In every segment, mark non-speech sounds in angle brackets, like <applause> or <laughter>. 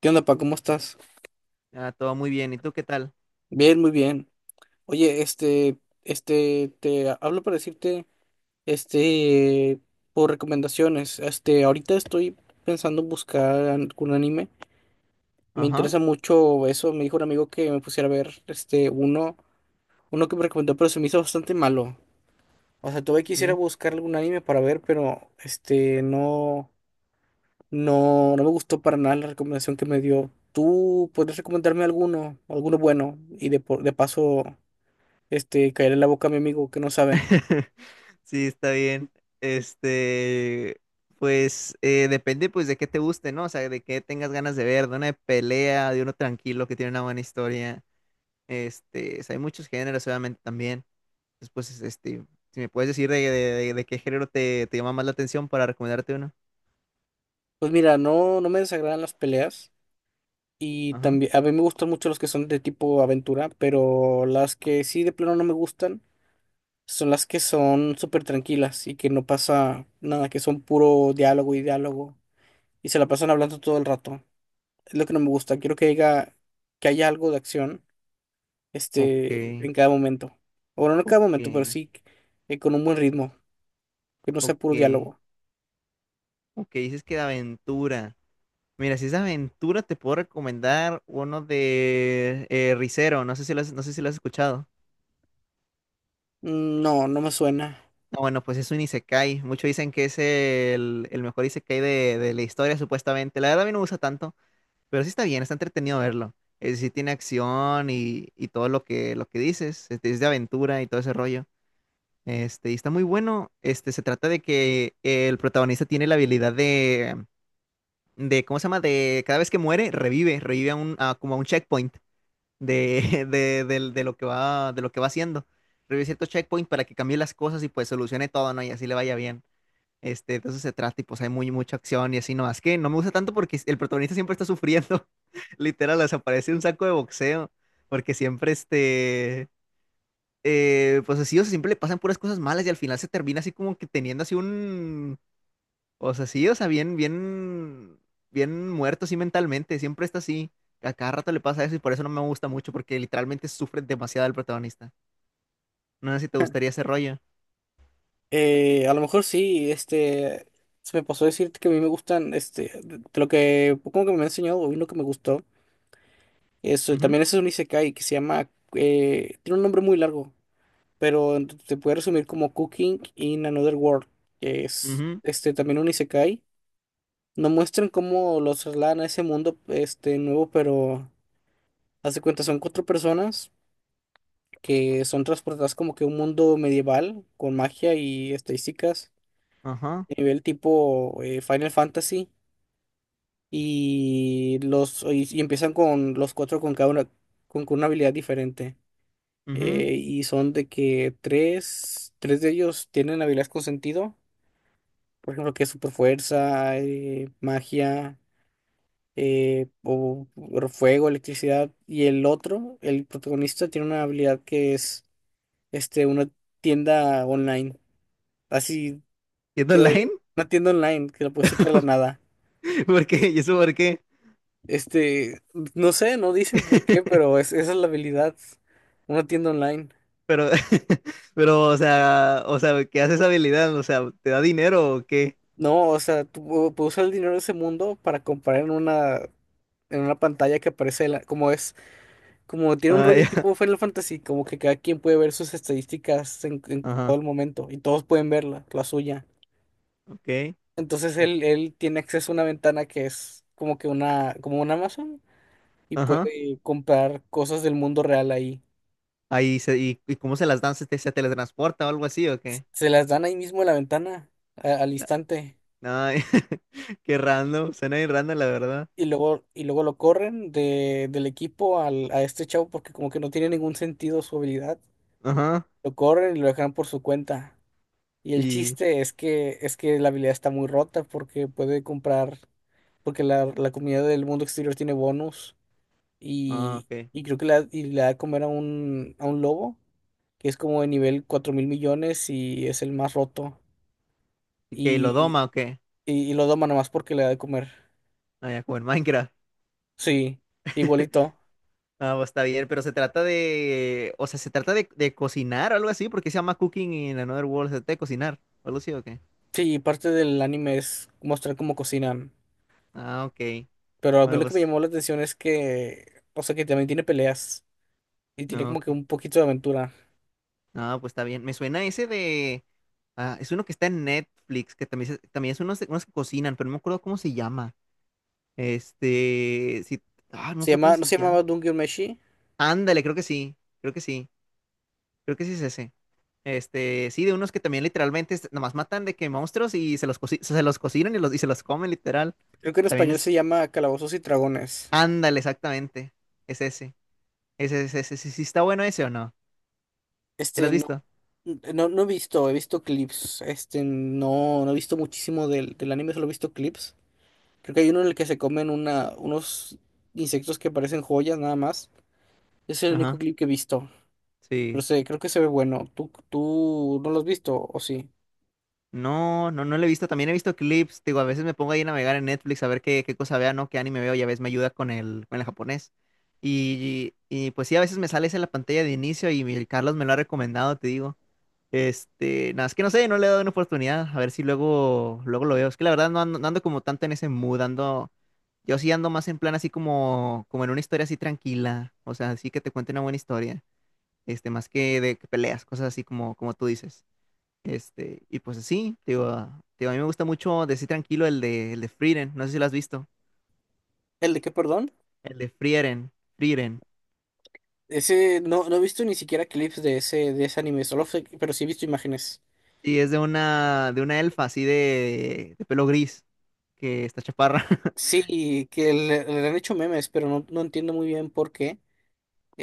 ¿Qué onda, pa? ¿Cómo estás? Ah, todo muy bien. ¿Y tú qué tal? Bien, muy bien. Oye, te hablo para decirte, este, por recomendaciones. Ahorita estoy pensando en buscar algún anime. Me Ajá, interesa mucho eso. Me dijo un amigo que me pusiera a ver, uno que me recomendó, pero se me hizo bastante malo. O sea, todavía quisiera sí. buscar algún anime para ver, pero, no, no, no me gustó para nada la recomendación que me dio. ¿Tú podrías recomendarme alguno, alguno bueno? Y de paso... caer en la boca a mi amigo que no sabe. <laughs> Sí, está bien. Este, pues depende pues de qué te guste, ¿no? O sea, de qué tengas ganas de ver, de una de pelea, de uno tranquilo que tiene una buena historia. Este, o sea, hay muchos géneros obviamente también. Después, si me puedes decir de qué género te llama más la atención para recomendarte uno. Pues mira, no, no me desagradan las peleas y Ajá. también a mí me gustan mucho los que son de tipo aventura, pero las que sí de plano no me gustan son las que son súper tranquilas y que no pasa nada, que son puro diálogo y diálogo y se la pasan hablando todo el rato. Es lo que no me gusta. Quiero que haya algo de acción, Ok, en cada momento. O bueno, no en cada momento, pero ok, sí con un buen ritmo, que no sea ok, puro diálogo. ok. Dices que de aventura. Mira, si es aventura, te puedo recomendar uno de Rizero. No sé si lo has escuchado. Mm, no, no me suena. No, bueno, pues es un isekai. Muchos dicen que es el mejor isekai de la historia, supuestamente. La verdad, a mí no me gusta tanto, pero sí está bien, está entretenido verlo. Sí tiene acción y todo lo lo que dices. Es de aventura y todo ese rollo. Este, y está muy bueno. Este, se trata de que el protagonista tiene la habilidad ¿cómo se llama? De cada vez que muere, revive a como a un checkpoint <laughs> de lo que va, de lo que va haciendo. Revise ciertos checkpoints para que cambie las cosas y pues solucione todo, ¿no? Y así le vaya bien. Este, de eso se trata y pues hay mucha acción y así, no, es que no me gusta tanto porque el protagonista siempre está sufriendo. <laughs> Literal, desaparece un saco de boxeo, porque siempre pues así, o sea, siempre le pasan puras cosas malas y al final se termina así como que teniendo así un, o sea, sí, o sea, bien muerto, sí, mentalmente, siempre está así. A cada rato le pasa eso y por eso no me gusta mucho, porque literalmente sufre demasiado el protagonista. No sé si te gustaría ese rollo. A lo mejor sí, se me pasó decirte que a mí me gustan, de lo que, como que me ha enseñado, hoy lo que me gustó, es, Ujú, también ese es un isekai que se llama, tiene un nombre muy largo, pero se puede resumir como Cooking in Another World, que es, ujú, también un isekai, nos muestran cómo los trasladan a ese mundo, nuevo, pero, haz de cuenta, son cuatro personas que son transportadas como que a un mundo medieval, con magia y estadísticas, ajá, nivel tipo Final Fantasy y empiezan con los cuatro con cada una con una habilidad diferente. ujú. Y son de que tres de ellos tienen habilidades con sentido, por ejemplo, que es super fuerza, magia, o fuego, electricidad, y el otro, el protagonista, tiene una habilidad que es una tienda online, así, ¿Yendo online? que una tienda online que la puede sacar de la nada. <laughs> ¿Por qué? ¿Y eso por qué? Este, no sé, no dicen por qué, <laughs> pero es, esa es la habilidad, una tienda online. Pero, <laughs> pero, o sea, ¿qué hace esa habilidad? O sea, ¿te da dinero o qué? No, o sea, tú puedes usar el dinero de ese mundo para comprar en una, pantalla que aparece, como es, como tiene un Ah, rollo <laughs> ya. tipo Final Fantasy, como que cada quien puede ver sus estadísticas en todo Ajá, el momento y todos pueden verla, la suya. ok, Entonces él tiene acceso a una ventana que es como que una, como un Amazon, y ajá. puede comprar cosas del mundo real ahí. Y cómo se las dan, se teletransporta o algo así, ¿o qué? Se las dan ahí mismo en la ventana, al instante. No, <laughs> qué random, suena bien random, la verdad. Y luego lo corren del equipo a este chavo, porque como que no tiene ningún sentido su habilidad. Ajá, Lo corren y lo dejan por su cuenta. Y el y... chiste es que, la habilidad está muy rota porque puede comprar, porque la comunidad del mundo exterior tiene bonus Ah, ok. y creo que la, y le da de comer a un lobo que es como de nivel 4.000 millones y es el más roto. ¿Y qué? ¿Y lo Y, doma o qué? y lo doma nomás porque le da de comer. Ah, ya, como en Minecraft. Sí, igualito. Ah, pues está bien, pero se trata de... O sea, se trata de cocinar o algo así, porque se llama Cooking in Another World, se trata de cocinar, o algo así, o qué. Sí, y parte del anime es mostrar cómo cocinan. Ah, ok. Pero a mí Bueno, lo que me pues... llamó la atención es que, o sea, que también tiene peleas y tiene No, como que ok. un poquito de aventura. No, pues está bien. Me suena ese de... Ah, es uno que está en Netflix, que también, también es unos que cocinan, pero no me acuerdo cómo se llama. Este... Sí, ah, no me Se acuerdo cómo llama, ¿no se se llama. llamaba Dungeon Meshi? Ándale, creo que sí, creo que sí es ese. Este, sí, de unos que también literalmente nomás matan de que monstruos y se se los cocinan y se los comen literal. Creo que en También español se es, llama Calabozos y Dragones. ándale, exactamente, es ese, ese, sí, sí está bueno ese o no, ¿ya lo has No, visto? no, no he visto, he visto clips. No, no he visto muchísimo del anime, solo he visto clips. Creo que hay uno en el que se comen unos insectos que parecen joyas, nada más. Ese es el único Ajá, clip que he visto. Pero sí. sé, creo que se ve bueno. tú no lo has visto, o sí? No, no, no lo he visto, también he visto clips, digo, a veces me pongo ahí a navegar en Netflix a ver qué, qué cosa vea, ¿no? Qué anime veo y a veces me ayuda con con el japonés. Pues sí, a veces me sale esa en la pantalla de inicio y el Carlos me lo ha recomendado, te digo. Este, nada, es que no sé, no le he dado una oportunidad, a ver si luego, luego lo veo. Es que la verdad no ando como tanto en ese mood, ando, yo sí ando más en plan así como, como en una historia así tranquila, o sea, así que te cuente una buena historia, este, más que de que peleas, cosas así como, como tú dices. Este, y pues así, te digo, a mí me gusta mucho decir tranquilo el el de Frieren, no sé si lo has visto, ¿El de qué, perdón? el de Frieren, Frieren. Ese, no, no he visto ni siquiera clips de ese anime, solo pero sí he visto imágenes. Sí, es de una elfa así de pelo gris, que está chaparra. <laughs> Sí, que le han hecho memes, pero no, no entiendo muy bien por qué.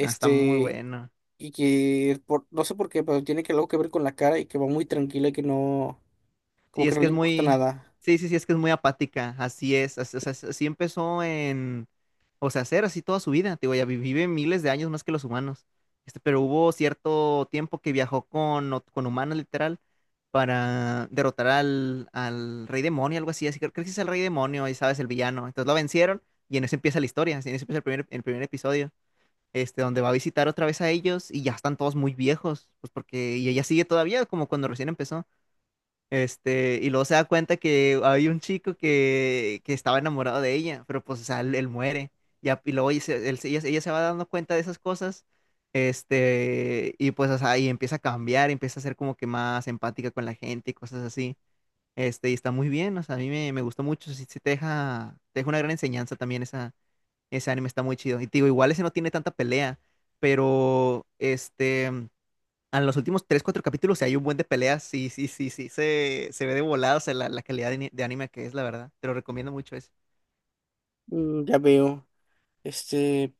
Ah, está muy bueno. y que no sé por qué, pero tiene que algo que ver con la cara, y que va muy tranquila y que no, como Sí, que es no que le es importa muy, nada. sí, es que es muy apática, así es, o sea, así empezó en, o sea, ser así toda su vida, te digo, vive miles de años más que los humanos, este, pero hubo cierto tiempo que viajó con, con humanos literal para derrotar al rey demonio, algo así, así que creo que sí es el rey demonio, y sabes, el villano, entonces lo vencieron y en eso empieza la historia, así, en eso empieza el primer episodio. Este, donde va a visitar otra vez a ellos y ya están todos muy viejos, pues porque, y ella sigue todavía como cuando recién empezó. Este, y luego se da cuenta que hay un chico que estaba enamorado de ella, pero pues, o sea, él muere. Y luego ella, se- él se- ella se va dando cuenta de esas cosas, este, y pues, o sea, y empieza a cambiar, empieza a ser como que más empática con la gente y cosas así. Este, y está muy bien, o sea, me gustó mucho, sí, sí te deja una gran enseñanza también esa, ese anime, está muy chido. Y te digo, igual ese no tiene tanta pelea, pero, en los últimos 3 4 capítulos, si hay un buen de peleas, sí, se ve de volado, o sea, la calidad de anime que es, la verdad. Te lo recomiendo mucho eso. Mm, ya veo. Este,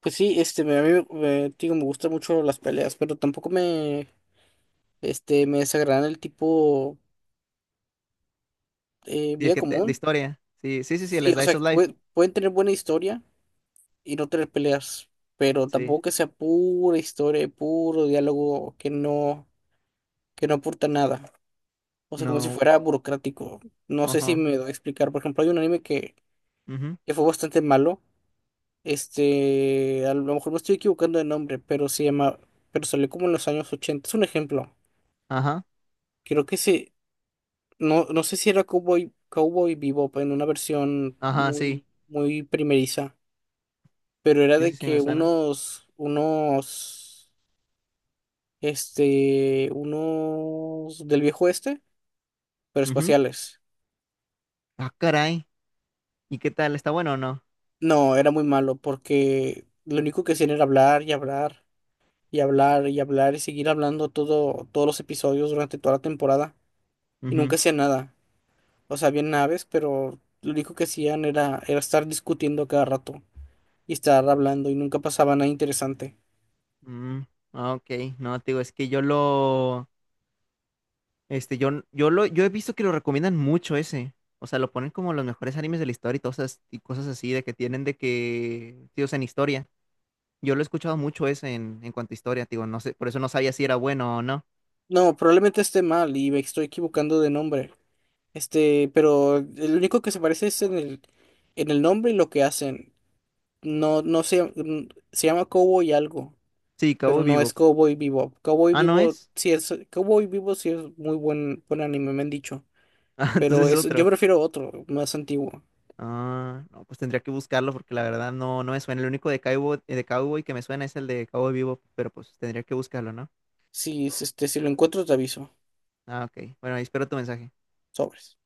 pues sí, a mí me, digo, me gustan mucho las peleas, pero tampoco me desagradan el tipo Y el vida que de común. historia, sí, el Sí, o sea, Slice que of Life, pueden tener buena historia y no tener peleas, pero sí. tampoco que sea pura historia, y puro diálogo que no aporta nada. O sea, como si No, fuera burocrático. No sé si ajá, me doy a explicar. Por ejemplo, hay un anime que, ujú, que fue bastante malo. A lo mejor me estoy equivocando de nombre, pero se llama, pero salió como en los años ochenta. Es un ejemplo. ajá, Creo que no, no sé si era Cowboy Bebop, en una versión ajá, muy, muy primeriza, pero era de sí, me que suena. unos unos del viejo, pero Ujú. espaciales. Ah, caray, ¿y qué tal? ¿Está bueno o no? No, era muy malo porque lo único que hacían era hablar y hablar y hablar y hablar, y seguir hablando todos los episodios durante toda la temporada, y nunca Ujú, hacían nada. O sea, había naves, pero lo único que hacían era estar discutiendo cada rato y estar hablando, y nunca pasaba nada interesante. mm, ah, ok, no, te digo, es que yo lo... Este, yo he visto que lo recomiendan mucho ese. O sea, lo ponen como los mejores animes de la historia y todas y cosas así de que tienen de que, sí, o sea, en historia. Yo lo he escuchado mucho ese en cuanto a historia, digo, no sé, por eso no sabía si era bueno o no. No, probablemente esté mal y me estoy equivocando de nombre. Pero el único que se parece es en el nombre y lo que hacen. No, no se llama Cowboy algo, Sí, Cabo pero no es Vivo. Cowboy Bebop. Ah, no es. <laughs> Cowboy Bebop sí es muy buen anime, me han dicho. Ah, Pero entonces es es, yo otro. prefiero otro, más antiguo. Ah, no, pues tendría que buscarlo porque la verdad no, no me suena. El único de Cowboy que me suena es el de Cabo Vivo, pero pues tendría que buscarlo, ¿no? Si, si, si lo encuentro, te aviso. Ah, ok. Bueno, ahí espero tu mensaje. Sobres.